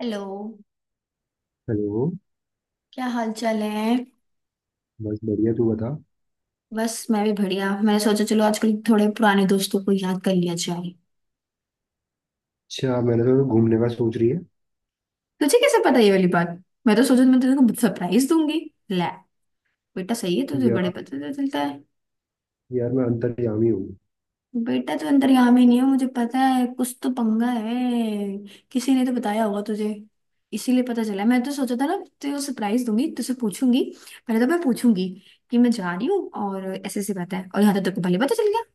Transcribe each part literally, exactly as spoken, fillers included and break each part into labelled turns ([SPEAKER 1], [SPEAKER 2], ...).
[SPEAKER 1] Hello.
[SPEAKER 2] Hello.
[SPEAKER 1] क्या हाल चाल है?
[SPEAKER 2] बस बढ़िया, तू बता।
[SPEAKER 1] बस मैं भी बढ़िया। मैंने सोचा चलो आजकल थोड़े पुराने दोस्तों को याद कर लिया जाए।
[SPEAKER 2] अच्छा, मैंने तो घूमने का सोच रही है।
[SPEAKER 1] तुझे कैसे पता ये वाली बात? मैं तो सोचा मैं तेरे को सरप्राइज दूंगी। ले। बेटा सही है, तुझे बड़े
[SPEAKER 2] यार,
[SPEAKER 1] पता तो चलता है।
[SPEAKER 2] यार मैं अंतर्यामी हूँ।
[SPEAKER 1] बेटा तो अंतर्यामी ही नहीं है, मुझे पता है कुछ तो पंगा है। किसी ने तो बताया होगा तुझे, इसीलिए पता चला। मैं तो सोचा था ना, तुझे सरप्राइज दूंगी, तुझसे पूछूंगी। पहले तो मैं पूछूंगी कि मैं जा रही हूँ और ऐसे ऐसी बात है, और यहाँ तो तेरे को पहले पता चल गया।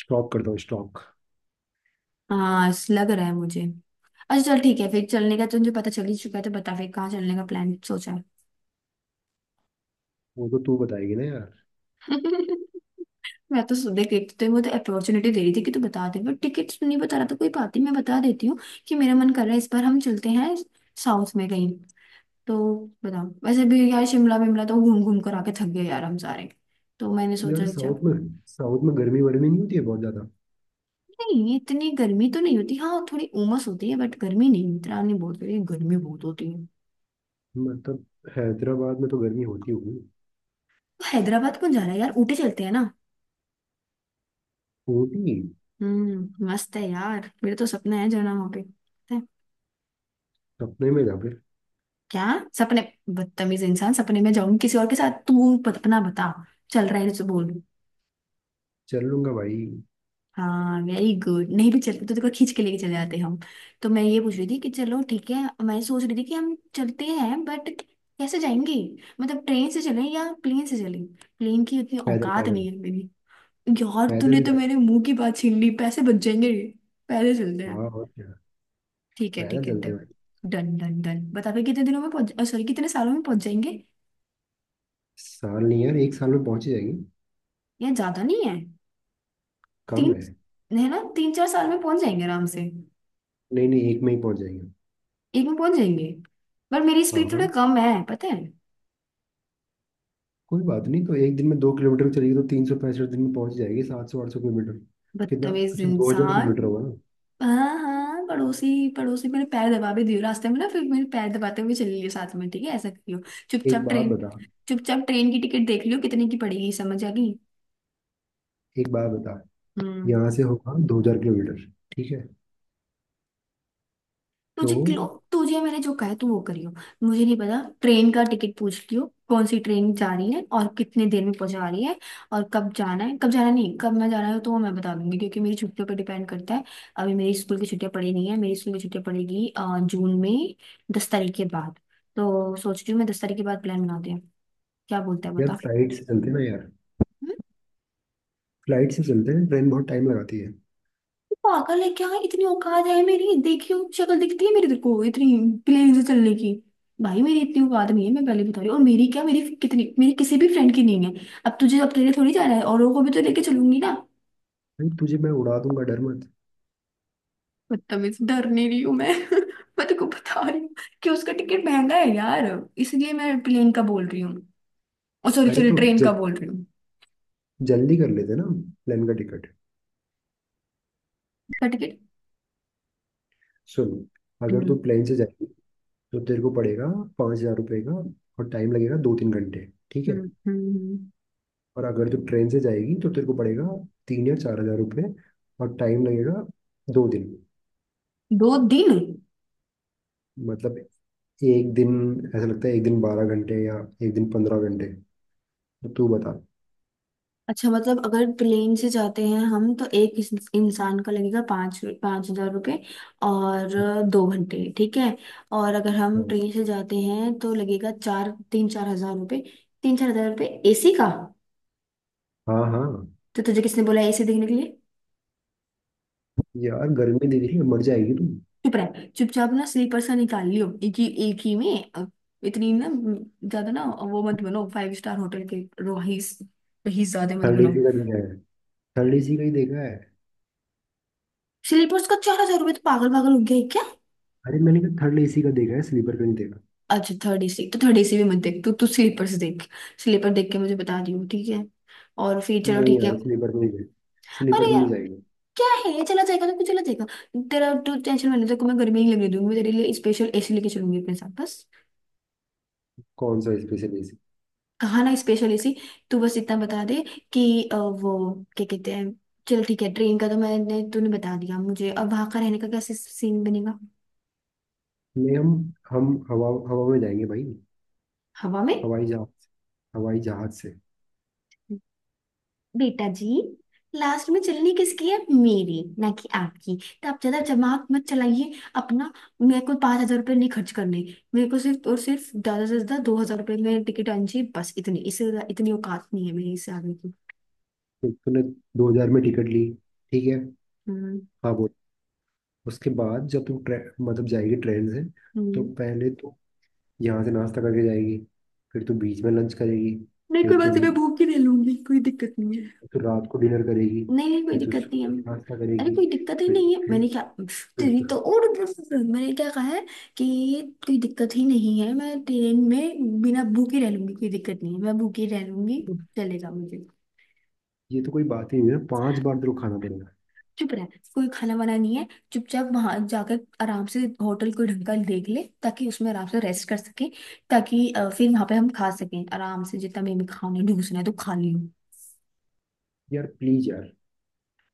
[SPEAKER 2] स्टॉक करता हूँ, स्टॉक।
[SPEAKER 1] हाँ, लग रहा है मुझे। अच्छा चल ठीक है, फिर चलने का तुझे पता चल ही चुका है तो बता फिर कहाँ चलने का प्लान सोचा है।
[SPEAKER 2] वो तो तू बताएगी ना, यार।
[SPEAKER 1] मैं तो सुबह देखती तो वो तो अपॉर्चुनिटी दे रही थी कि तू बता दे, पर टिकट नहीं बता रहा था, कोई बात नहीं मैं बता देती हूँ कि मेरा मन कर रहा है इस बार हम चलते हैं साउथ में कहीं। तो बताओ, वैसे भी यार शिमला विमला तो घूम घूम कर आके थक गए यार हम सारे। तो मैंने
[SPEAKER 2] यार,
[SPEAKER 1] सोचा कि चल।
[SPEAKER 2] साउथ में साउथ में गर्मी वर्मी नहीं होती है बहुत ज़्यादा?
[SPEAKER 1] नहीं, इतनी गर्मी तो नहीं होती, हाँ थोड़ी उमस होती है, बट गर्मी नहीं, इतना नहीं बोलते गर्मी बहुत होती है।
[SPEAKER 2] मतलब हैदराबाद में तो गर्मी होती होगी।
[SPEAKER 1] तो हैदराबाद कौन जा रहा है यार, ऊटी चलते हैं ना।
[SPEAKER 2] होती।
[SPEAKER 1] हम्म, मस्त है यार, मेरे तो सपना है जाना वहां पे, पता है?
[SPEAKER 2] सपने में जा फिर।
[SPEAKER 1] क्या? सपने? बदतमीज इंसान, सपने में जाऊं किसी और के साथ! तू पत- अपना बता, चल रहा है तो बोल।
[SPEAKER 2] चल लूंगा, भाई।
[SPEAKER 1] हाँ वेरी गुड, नहीं भी चलते तो देखो खींच के लेके चले जाते हम। तो मैं ये पूछ रही थी कि चलो ठीक है, मैं सोच रही थी कि हम चलते हैं, बट कैसे जाएंगे, मतलब ट्रेन से चलें या प्लेन से चलें। प्लेन की उतनी
[SPEAKER 2] पैदल
[SPEAKER 1] औकात नहीं
[SPEAKER 2] पैदल।
[SPEAKER 1] है मेरी। यार,
[SPEAKER 2] पैदल
[SPEAKER 1] तूने
[SPEAKER 2] भी
[SPEAKER 1] तो
[SPEAKER 2] जा।
[SPEAKER 1] मेरे मुंह की बात छीन ली, पैसे बच जाएंगे। पहले चलते हैं।
[SPEAKER 2] हाँ, और क्या।
[SPEAKER 1] ठीक है
[SPEAKER 2] पैदल
[SPEAKER 1] ठीक है,
[SPEAKER 2] चलते
[SPEAKER 1] डन।
[SPEAKER 2] हैं, भाई।
[SPEAKER 1] डन डन डन बता फिर कितने दिनों में पहुंच, सॉरी, कितने सालों में पहुंच जाएंगे।
[SPEAKER 2] साल नहीं यार, एक साल में पहुंच ही जाएगी।
[SPEAKER 1] या ज्यादा नहीं है?
[SPEAKER 2] कम
[SPEAKER 1] तीन,
[SPEAKER 2] है।
[SPEAKER 1] है ना, तीन चार साल में पहुंच जाएंगे आराम से।
[SPEAKER 2] नहीं नहीं, एक में ही पहुंच जाएगी।
[SPEAKER 1] एक में पहुंच जाएंगे? पर मेरी
[SPEAKER 2] हाँ
[SPEAKER 1] स्पीड थोड़ा
[SPEAKER 2] हाँ।
[SPEAKER 1] कम है, पता है।
[SPEAKER 2] कोई बात नहीं, तो एक दिन में दो किलोमीटर चलेगी तो तीन सौ पैंसठ दिन में पहुंच जाएगी सात सौ आठ सौ किलोमीटर। कितना?
[SPEAKER 1] बदतमीज
[SPEAKER 2] अच्छा, दो हजार
[SPEAKER 1] इंसान!
[SPEAKER 2] किलोमीटर होगा ना।
[SPEAKER 1] हाँ हाँ, पड़ोसी। पड़ोसी मेरे पैर दबा भी दियो रास्ते में ना, फिर मेरे पैर दबाते हुए चली लियो साथ में, ठीक है, ऐसा करियो।
[SPEAKER 2] एक
[SPEAKER 1] चुपचाप
[SPEAKER 2] बात
[SPEAKER 1] ट्रेन,
[SPEAKER 2] बता।
[SPEAKER 1] चुपचाप ट्रेन की टिकट देख लियो कितने की पड़ेगी, समझ आ गई?
[SPEAKER 2] एक बात बता।
[SPEAKER 1] हम्म।
[SPEAKER 2] यहाँ से होगा दो हजार किलोमीटर, ठीक है? तो
[SPEAKER 1] तुझे क्लो, तुझे मैंने जो कहा है, तू वो करियो। मुझे नहीं पता, ट्रेन का टिकट पूछ लियो कौन सी ट्रेन जा रही है और कितने देर में पहुंचा रही है। और कब जाना है कब जाना नहीं, कब मैं जाना है तो वो मैं बता दूंगी क्योंकि मेरी छुट्टियों पर डिपेंड करता है। अभी मेरी स्कूल की छुट्टियां पड़ी नहीं है, मेरी स्कूल की छुट्टियां पड़ेगी अ, जून में, दस तारीख के बाद। तो सोच रही हूँ मैं दस तारीख के बाद प्लान बनाते हैं। क्या बोलता है
[SPEAKER 2] यार,
[SPEAKER 1] बता।
[SPEAKER 2] फ्लाइट से चलते हैं ना यार। फ्लाइट से चलते हैं, ट्रेन बहुत टाइम लगाती है।
[SPEAKER 1] पागल है क्या, इतनी औकात है मेरी? देखियो शक्ल दिखती है मेरी तेरे को इतनी, प्लेन से चलने की? भाई मेरी इतनी औकात नहीं है, मैं पहले बता रही हूँ, और मेरी क्या, मेरी कितनी, मेरी किसी भी फ्रेंड की नहीं है। अब तुझे, अब तेरे थोड़ी जाना है, औरों को भी तो लेके चलूंगी ना।
[SPEAKER 2] भाई, तुझे मैं उड़ा दूंगा, डर मत।
[SPEAKER 1] बदतमीज, डर नहीं रही हूँ मैं। मैं तेरे को बता रही हूँ कि उसका टिकट महंगा है यार, इसलिए मैं प्लेन का बोल रही हूँ। ओ सॉरी
[SPEAKER 2] अरे
[SPEAKER 1] सॉरी,
[SPEAKER 2] तो
[SPEAKER 1] ट्रेन
[SPEAKER 2] जल,
[SPEAKER 1] का बोल रही हूँ।
[SPEAKER 2] जल्दी कर लेते ना। प्लेन का टिकट।
[SPEAKER 1] उसका टिकट।
[SPEAKER 2] सुन। अगर तू
[SPEAKER 1] हम्म,
[SPEAKER 2] प्लेन से जाएगी तो तेरे को पड़ेगा पाँच हजार रुपये का, और टाइम लगेगा दो तीन घंटे, ठीक है?
[SPEAKER 1] हम्म, हम्म, हम्म।
[SPEAKER 2] और अगर तू ट्रेन से जाएगी तो तेरे को पड़ेगा तीन या चार हजार रुपये और टाइम लगेगा दो दिन।
[SPEAKER 1] दो दिन।
[SPEAKER 2] मतलब एक दिन। ऐसा लगता है एक दिन बारह घंटे या एक दिन पंद्रह घंटे। तो तू बता।
[SPEAKER 1] अच्छा, मतलब अगर प्लेन से जाते हैं हम तो एक इंस- इंसान का लगेगा पाँच पाँच हजार रुपये और दो घंटे, ठीक है। और अगर हम
[SPEAKER 2] हाँ
[SPEAKER 1] ट्रेन से जाते हैं तो लगेगा चार तीन चार हजार रुपये, तीन चार हजार रुपये एसी का।
[SPEAKER 2] हाँ हाँ।
[SPEAKER 1] तो तुझे किसने बोला एसी देखने के लिए?
[SPEAKER 2] यार गर्मी दिख रही है, मर जाएगी तू।
[SPEAKER 1] चुप रह। चुपचाप ना स्लीपर सा निकाल लियो एक ही एक ही में अ, इतनी ना, ज्यादा ना, वो मत बनो फाइव स्टार होटल के रोहिस रहीस, ज्यादा मत
[SPEAKER 2] थर्ड
[SPEAKER 1] बनो।
[SPEAKER 2] एसी का देखा है। थर्ड एसी का ही देखा है।
[SPEAKER 1] स्लीपर्स का चार हजार रुपये, तो पागल पागल हो गया है क्या?
[SPEAKER 2] अरे मैंने कहा थर्ड एसी का देखा है, स्लीपर का नहीं देखा।
[SPEAKER 1] अच्छा थर्ड एसी, तो थर्ड एसी भी मत देख तू, तू स्लीपर से देख। स्लीपर देख के मुझे बता दियो ठीक है, और फिर चलो
[SPEAKER 2] नहीं
[SPEAKER 1] ठीक है।
[SPEAKER 2] यार, स्लीपर में नहीं गए। स्लीपर
[SPEAKER 1] अरे
[SPEAKER 2] में
[SPEAKER 1] यार,
[SPEAKER 2] नहीं जाएंगे।
[SPEAKER 1] क्या है, चला जाएगा तो कुछ चला जाएगा, तेरा तू टेंशन। मैंने देखो मैं गर्मी नहीं लगने दूंगी, मैं तेरे लिए स्पेशल एसी लेके चलूंगी अपने साथ बस।
[SPEAKER 2] कौन सा स्पेशल एसी?
[SPEAKER 1] कहा ना स्पेशल एसी। तू बस इतना बता दे कि अ, वो क्या कहते हैं। चल ठीक है, ट्रेन का तो मैंने, तूने बता दिया मुझे, अब वहां का रहने का कैसे सीन बनेगा?
[SPEAKER 2] नहीं, हम हम हवा हवा में जाएंगे, भाई।
[SPEAKER 1] हवा में?
[SPEAKER 2] हवाई जहाज। हवाई जहाज से।
[SPEAKER 1] बेटा जी, लास्ट में चलनी किसकी है, मेरी ना कि आपकी, तो आप ज्यादा दिमाग मत चलाइए अपना। मेरे को पांच हजार रुपये नहीं खर्च करने, मेरे को सिर्फ और सिर्फ ज्यादा से ज्यादा दो हजार रुपये में टिकट आनी चाहिए बस, इतनी, इससे ज्यादा- इतनी औकात नहीं है मेरी इससे आगे की।
[SPEAKER 2] फिर तूने दो हजार में टिकट ली, ठीक है?
[SPEAKER 1] हम्म,
[SPEAKER 2] हाँ बोल। उसके बाद जब तू ट्रे, मतलब जाएगी ट्रेन से, तो
[SPEAKER 1] हम्म।
[SPEAKER 2] पहले तो यहाँ से नाश्ता करके जाएगी, फिर तू बीच में लंच करेगी,
[SPEAKER 1] नहीं, कोई
[SPEAKER 2] फिर
[SPEAKER 1] बात
[SPEAKER 2] तू
[SPEAKER 1] नहीं, मैं भूख ही ले लूंगी, कोई दिक्कत नहीं।
[SPEAKER 2] तू रात को डिनर करेगी,
[SPEAKER 1] नहीं नहीं, कोई
[SPEAKER 2] फिर तू
[SPEAKER 1] दिक्कत नहीं है।
[SPEAKER 2] सुबह नाश्ता
[SPEAKER 1] अरे
[SPEAKER 2] करेगी,
[SPEAKER 1] कोई दिक्कत ही
[SPEAKER 2] फिर
[SPEAKER 1] नहीं है,
[SPEAKER 2] फिर
[SPEAKER 1] मैंने क्या,
[SPEAKER 2] फिर
[SPEAKER 1] तेरी
[SPEAKER 2] तू।
[SPEAKER 1] तो और, मैंने क्या कहा है कि कोई दिक्कत ही नहीं है, मैं ट्रेन में बिना भूखे रह लूंगी, कोई दिक्कत नहीं है, मैं भूखे रह लूंगी,
[SPEAKER 2] तो
[SPEAKER 1] चलेगा मुझे।
[SPEAKER 2] ये तो कोई बात ही नहीं है, पांच बार तेरे को खाना पड़ेगा।
[SPEAKER 1] चुप रह, कोई खाना वाना नहीं है। चुपचाप वहां जाकर आराम से होटल कोई ढंग का देख ले ताकि उसमें आराम से रेस्ट कर सके, ताकि अ, फिर वहां पे हम खा सकें आराम से, जितना भी हमें खाना है ढूंसना है तो खा लियो।
[SPEAKER 2] यार प्लीज यार।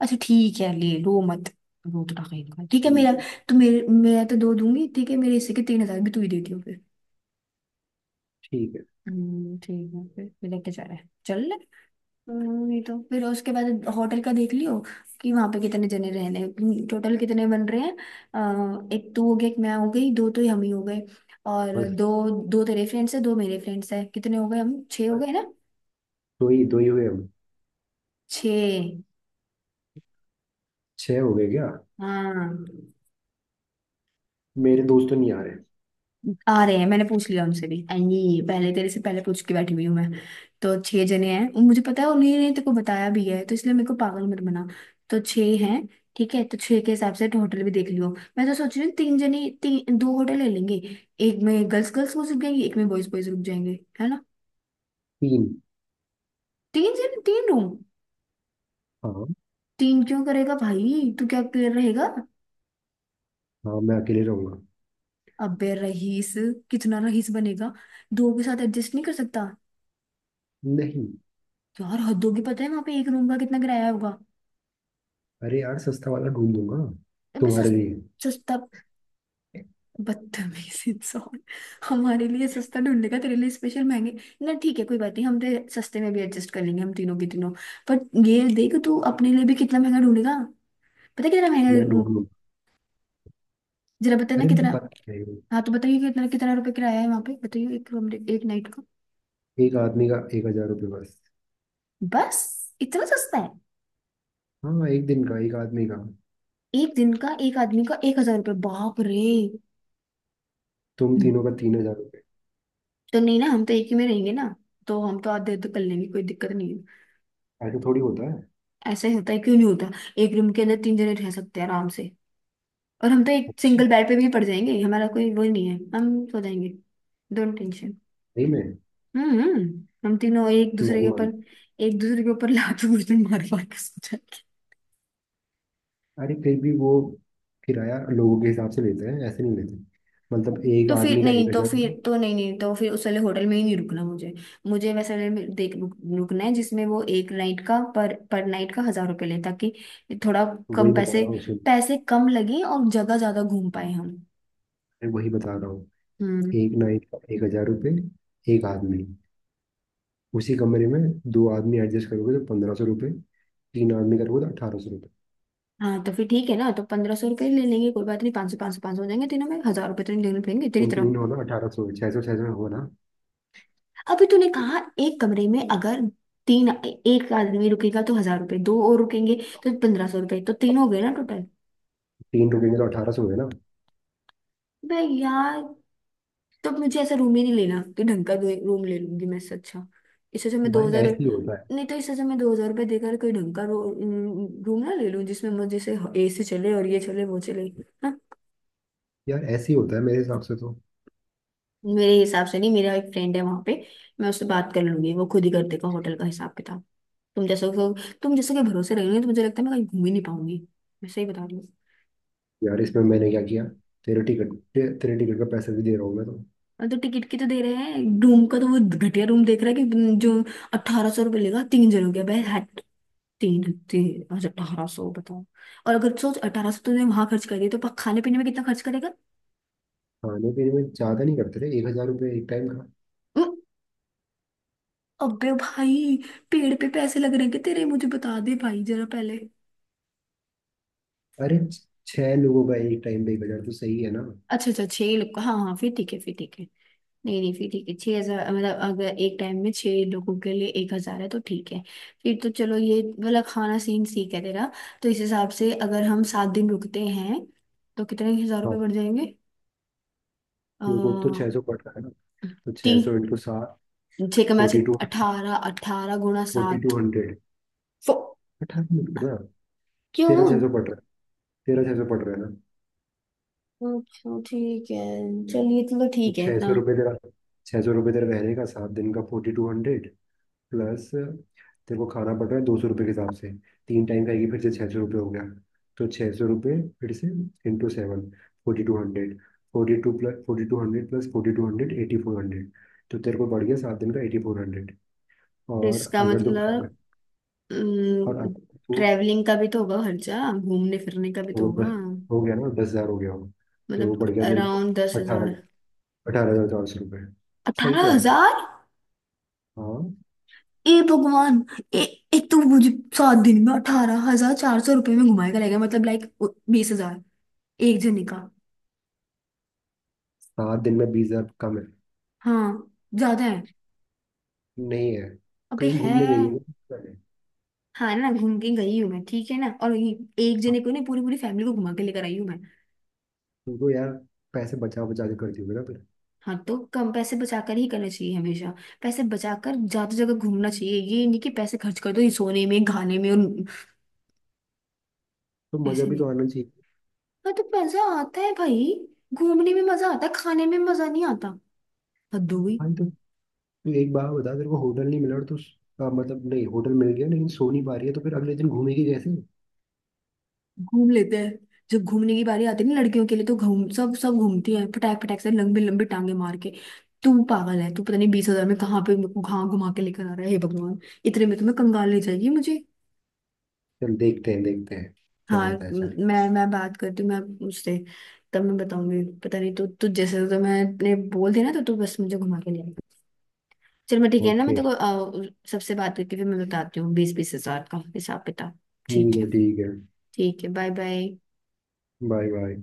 [SPEAKER 1] अच्छा ठीक है, ले, रो मत, रो तो रखेगा, ठीक है मेरा।
[SPEAKER 2] ठीक है
[SPEAKER 1] तो मेरे, मैं तो दो दूंगी, ठीक है, मेरे हिस्से के तीन हजार भी तू ही देती हो फिर।
[SPEAKER 2] ठीक है।
[SPEAKER 1] हम्म ठीक है, फिर फिर लेके जा रहा है, चल ले। हम्म, ये तो फिर उसके बाद होटल का देख लियो कि वहां पे कितने जने रहने हैं, हम्म, टोटल कितने बन रहे हैं। अ, एक तू हो गया, एक मैं हो गई, दो तो हम ही हो गए, और
[SPEAKER 2] बस
[SPEAKER 1] दो दो तेरे फ्रेंड्स है, दो मेरे फ्रेंड्स है, कितने हो गए, हम छह हो
[SPEAKER 2] बस।
[SPEAKER 1] गए ना।
[SPEAKER 2] दो ही दो ही हुए हम।
[SPEAKER 1] छह,
[SPEAKER 2] छह हो गए क्या?
[SPEAKER 1] हाँ।
[SPEAKER 2] मेरे दोस्त तो नहीं आ रहे।
[SPEAKER 1] आ रहे हैं, मैंने पूछ लिया उनसे भी, एंड ये पहले, तेरे से पहले पूछ के बैठी हुई हूँ मैं। तो छह जने हैं, उन- मुझे पता है उन्हीं ने तेरे को बताया भी है, तो इसलिए मेरे को पागल मत बना। तो छह हैं, ठीक है, तो छह के हिसाब से होटल भी देख लियो। मैं तो सोच रही हूँ तीन जने तीन, दो होटल ले लेंगे। एक में गर्ल्स गर्ल्स रुक जाएंगे, एक में बॉयज बॉयज रुक जाएंगे, है ना।
[SPEAKER 2] तीन।
[SPEAKER 1] तीन जने तीन रूम।
[SPEAKER 2] हाँ
[SPEAKER 1] तीन क्यों करेगा भाई? तू क्या, क्लियर रहेगा?
[SPEAKER 2] हाँ, मैं अकेले रहूंगा।
[SPEAKER 1] अबे रईस, कितना रईस बनेगा, दो के साथ एडजस्ट नहीं कर सकता?
[SPEAKER 2] नहीं।
[SPEAKER 1] यार हद होगी, पता है वहां पे एक रूम का कितना किराया होगा?
[SPEAKER 2] अरे यार, सस्ता वाला ढूंढ दूंगा
[SPEAKER 1] अबे
[SPEAKER 2] तुम्हारे
[SPEAKER 1] सस,
[SPEAKER 2] लिए।
[SPEAKER 1] सस्ता? बदतमीज इंसान, हमारे लिए सस्ता ढूंढेगा, तेरे लिए स्पेशल महंगे। ना ठीक है, कोई बात नहीं, हम तेरे सस्ते में भी एडजस्ट कर लेंगे, हम तीनों के तीनों। पर ये देख, तू अपने लिए भी कितना महंगा ढूंढेगा, पता है कितना
[SPEAKER 2] मैं
[SPEAKER 1] महंगा।
[SPEAKER 2] ढूंढ लूंगा।
[SPEAKER 1] जरा बता ना
[SPEAKER 2] अरे मुझे
[SPEAKER 1] कितना।
[SPEAKER 2] पता है।
[SPEAKER 1] हाँ तो बताइए कितना, कितना रुपए किराया है वहां पे, बताइए एक कमरे एक नाइट का।
[SPEAKER 2] एक आदमी का एक हजार रुपये बस।
[SPEAKER 1] बस, इतना सस्ता है?
[SPEAKER 2] हाँ, एक दिन का एक आदमी का।
[SPEAKER 1] एक दिन का एक आदमी का एक हजार रुपये, बाप रे!
[SPEAKER 2] तुम तीनों का तीन हजार रुपये।
[SPEAKER 1] तो नहीं ना, हम तो एक ही में रहेंगे ना, तो हम तो आधे आधे कर लेंगे, कोई दिक्कत नहीं।
[SPEAKER 2] ऐसा थोड़ी होता है।
[SPEAKER 1] ऐसा ही होता है, क्यों नहीं होता? एक रूम के अंदर तीन जने रह सकते हैं आराम से, और हम तो एक
[SPEAKER 2] अच्छा।
[SPEAKER 1] सिंगल बेड पे भी पड़ जाएंगे, हमारा कोई वो नहीं है, हम सो जाएंगे। Don't tension.
[SPEAKER 2] नहीं मैं
[SPEAKER 1] हम्म, हम तीनों एक
[SPEAKER 2] मैं
[SPEAKER 1] दूसरे के
[SPEAKER 2] नहीं
[SPEAKER 1] ऊपर,
[SPEAKER 2] मानता।
[SPEAKER 1] एक दूसरे के ऊपर लात घुटने मार मार के सो जाएंगे।
[SPEAKER 2] अरे फिर भी वो किराया लोगों के हिसाब से लेते हैं, ऐसे नहीं लेते। मतलब एक
[SPEAKER 1] तो फिर
[SPEAKER 2] आदमी का एक
[SPEAKER 1] नहीं, तो
[SPEAKER 2] हजार
[SPEAKER 1] फिर तो नहीं नहीं, तो फिर उस वाले होटल में ही नहीं रुकना मुझे। मुझे वैसे वाले में देख रुक, रुकना है जिसमें वो एक नाइट का, पर पर नाइट का हजार रुपये ले, ताकि थोड़ा कम
[SPEAKER 2] वही बता
[SPEAKER 1] पैसे,
[SPEAKER 2] रहा हूँ, सुन।
[SPEAKER 1] पैसे कम लगे और जगह ज्यादा घूम पाए हम।
[SPEAKER 2] मैं वही बता रहा हूँ।
[SPEAKER 1] हम्म।
[SPEAKER 2] एक नाइट का एक हजार रुपये एक आदमी। उसी कमरे में दो आदमी एडजस्ट करोगे तो पंद्रह सौ रुपये। तीन आदमी करोगे तो अठारह सौ।
[SPEAKER 1] हाँ तो फिर ठीक है ना, तो पंद्रह सौ रुपये ले लेंगे, कोई बात नहीं, पाँच सौ पाँच सौ पाँच सौ हो जाएंगे तीनों में, हजार रुपये तो नहीं देने पड़ेंगे तेरी
[SPEAKER 2] तुम
[SPEAKER 1] तरफ।
[SPEAKER 2] तीन हो ना, अठारह सौ, छह सौ छह सौ हो ना।
[SPEAKER 1] अभी तूने कहा एक कमरे में अगर तीन, एक आदमी रुकेगा तो हजार रुपये, दो और रुकेंगे तो पंद्रह सौ रुपये, तो तीन हो गए ना टोटल।
[SPEAKER 2] तीन रुकेंगे तो अठारह सौ हुए ना।
[SPEAKER 1] भाई यार, तो मुझे ऐसा रूम ही नहीं लेना, कि ढंग का रूम ले लूंगी मैं इससे अच्छा। इससे अच्छा मैं दो
[SPEAKER 2] भाई
[SPEAKER 1] हजार,
[SPEAKER 2] ऐसे ही होता है।
[SPEAKER 1] नहीं, तो इससे अच्छा मैं दो हजार रुपये देकर कोई ढंग का रूम ना ले लूँ जिसमें मुझे से एसी चले और ये चले वो चले।
[SPEAKER 2] यार ऐसे ही होता है मेरे हिसाब से तो।
[SPEAKER 1] मेरे हिसाब से नहीं, मेरा एक फ्रेंड है वहां पे, मैं उससे बात कर लूंगी, वो खुद ही कर देगा होटल का हिसाब किताब। तुम जैसे तुम जैसे के भरोसे रहोगे तो मुझे लगता है मैं कहीं घूम ही नहीं पाऊंगी। मैं सही बता रही हूँ।
[SPEAKER 2] यार, इसमें मैंने क्या किया? तेरे टिकट ते, तेरे टिकट का पैसा भी दे रहा हूँ मैं तो।
[SPEAKER 1] और तो टिकट की तो दे रहे हैं, रूम का तो वो घटिया रूम देख रहा है कि जो अट्ठारह सौ रुपये लेगा तीन जनों के, भाई हट! तीन तीन, अच्छा अठारह सौ, बताओ। और अगर सोच अठारह सौ तो तुमने वहां खर्च कर दिए तो पा- खाने पीने में कितना खर्च करेगा?
[SPEAKER 2] खाने पीने में ज्यादा नहीं करते रे, एक हजार रुपये एक टाइम का।
[SPEAKER 1] उम, अबे भाई, पेड़ पे पैसे लग रहे हैं क्या तेरे, मुझे बता दे भाई जरा पहले।
[SPEAKER 2] अरे छ- छह लोगों का एक टाइम का एक हजार तो सही है ना।
[SPEAKER 1] अच्छा अच्छा, छह लोग का- हाँ हाँ फिर ठीक है, फिर ठीक है। नहीं नहीं, फिर ठीक है, छह हजार, मतलब अगर एक टाइम में छह लोगों के लिए एक हजार है तो ठीक है, फिर तो चलो ये वाला खाना सीन सीख है तेरा। तो इस हिसाब से अगर हम सात दिन रुकते हैं तो कितने हजार
[SPEAKER 2] हाँ।
[SPEAKER 1] रुपये बढ़ जाएंगे?
[SPEAKER 2] देखो, तो
[SPEAKER 1] अः,
[SPEAKER 2] छह सौ कट रहा है ना। तो छह
[SPEAKER 1] तीन,
[SPEAKER 2] सौ इंटू सात
[SPEAKER 1] छह कमा से,
[SPEAKER 2] फोर्टी टू हंड्रेड।
[SPEAKER 1] अठारह, अठारह गुणा
[SPEAKER 2] फोर्टी टू
[SPEAKER 1] सात,
[SPEAKER 2] हंड्रेड
[SPEAKER 1] फो
[SPEAKER 2] अठारह मत करना। तेरह छह
[SPEAKER 1] क्यों?
[SPEAKER 2] सौ पड़ रहा है। तेरह छह सौ पड़ रहा है ना।
[SPEAKER 1] अच्छा ठीक है, चलिए चलो ठीक है
[SPEAKER 2] छः
[SPEAKER 1] इतना।
[SPEAKER 2] सौ रुपये तेरा। छः सौ रुपये तेरा रहने का सात दिन का फोर्टी टू हंड्रेड। प्लस तेरे को खाना पड़ रहा है दो सौ रुपये के हिसाब से। तीन टाइम खाएगी, फिर से छः सौ रुपये हो गया। तो छः सौ रुपये फिर से into seven, forty two hundred. Forty two plus forty two hundred plus forty two hundred, eighty four hundred. तो तेरे को बढ़ गया सात दिन का एटी फोर हंड्रेड।
[SPEAKER 1] तो
[SPEAKER 2] और
[SPEAKER 1] इसका
[SPEAKER 2] अगर तो,
[SPEAKER 1] मतलब
[SPEAKER 2] और अगर तो
[SPEAKER 1] ट्रैवलिंग का भी तो होगा खर्चा, घूमने फिरने का भी तो
[SPEAKER 2] वो
[SPEAKER 1] होगा।
[SPEAKER 2] दस हो गया ना, दस हज़ार हो गया हो, तो वो बढ़
[SPEAKER 1] मतलब
[SPEAKER 2] गया तेरे को
[SPEAKER 1] अराउंड दस हजार,
[SPEAKER 2] अठारह अठारह हज़ार चार सौ रुपये। सही
[SPEAKER 1] अठारह
[SPEAKER 2] तो है।
[SPEAKER 1] हजार
[SPEAKER 2] हाँ।
[SPEAKER 1] ए भगवान! ए, एक तो मुझे सात दिन में अठारह हजार चार सौ रुपये में घुमाएगा, लेगा मतलब, लाइक बीस हजार एक जने का?
[SPEAKER 2] सात दिन में बीस हज़ार कम है।
[SPEAKER 1] हाँ, ज्यादा है,
[SPEAKER 2] नहीं है।
[SPEAKER 1] अबे
[SPEAKER 2] कहीं
[SPEAKER 1] है।
[SPEAKER 2] घूमने गई है पहले?
[SPEAKER 1] हाँ ना, घूम के गई हूँ मैं, ठीक है ना, और ये एक जने को नहीं, पूरी पूरी फैमिली को घुमा के लेकर आई हूँ मैं।
[SPEAKER 2] तुमको यार पैसे बचा बचा के करती होगी ना फिर।
[SPEAKER 1] हाँ तो कम पैसे बचाकर ही करना चाहिए हमेशा, पैसे बचाकर ज्यादा जगह घूमना चाहिए, ये नहीं कि पैसे खर्च कर दो ये सोने में खाने में और।
[SPEAKER 2] तो मजा
[SPEAKER 1] ऐसे
[SPEAKER 2] भी तो
[SPEAKER 1] नहीं,
[SPEAKER 2] आना चाहिए।
[SPEAKER 1] हाँ तो मजा आता है भाई, घूमने में मजा आता है, खाने में मजा नहीं आता, हद हो गई।
[SPEAKER 2] भाई तो तू एक बार बता, तेरे को होटल नहीं मिला और तो, मतलब नहीं, होटल मिल गया लेकिन सो नहीं पा रही है तो फिर अगले दिन घूमेगी कैसे?
[SPEAKER 1] घूम लेते हैं, जब घूमने की बारी आती है ना लड़कियों के लिए तो घूम, सब सब घूमती हैं फटाक फटाक से लंबी लंबी टांगे मार के। तू पागल है, तू पता नहीं बीस हजार में कहाँ पे, मेरे को कहाँ घुमा के लेकर आ रहा है, हे भगवान! इतने में तो मैं, कंगाल ले जाएगी मुझे।
[SPEAKER 2] चल देखते हैं देखते हैं क्या
[SPEAKER 1] हाँ
[SPEAKER 2] होता है, चल।
[SPEAKER 1] म- मैं मैं बात करती हूँ मैं उससे, तब मैं बताऊंगी। पता नहीं, तू तू जैसे तो मैंने बोल दिया ना, तो तू बस मुझे घुमा के ले आई। चल मैं ठीक है ना, मैं
[SPEAKER 2] ओके।
[SPEAKER 1] तेको अ, सबसे बात करके फिर मैं बताती हूँ बीस बीस हजार का हिसाब किताब। ठीक
[SPEAKER 2] ठीक
[SPEAKER 1] है,
[SPEAKER 2] है ठीक है।
[SPEAKER 1] ठीक है बाय बाय।
[SPEAKER 2] Bye bye.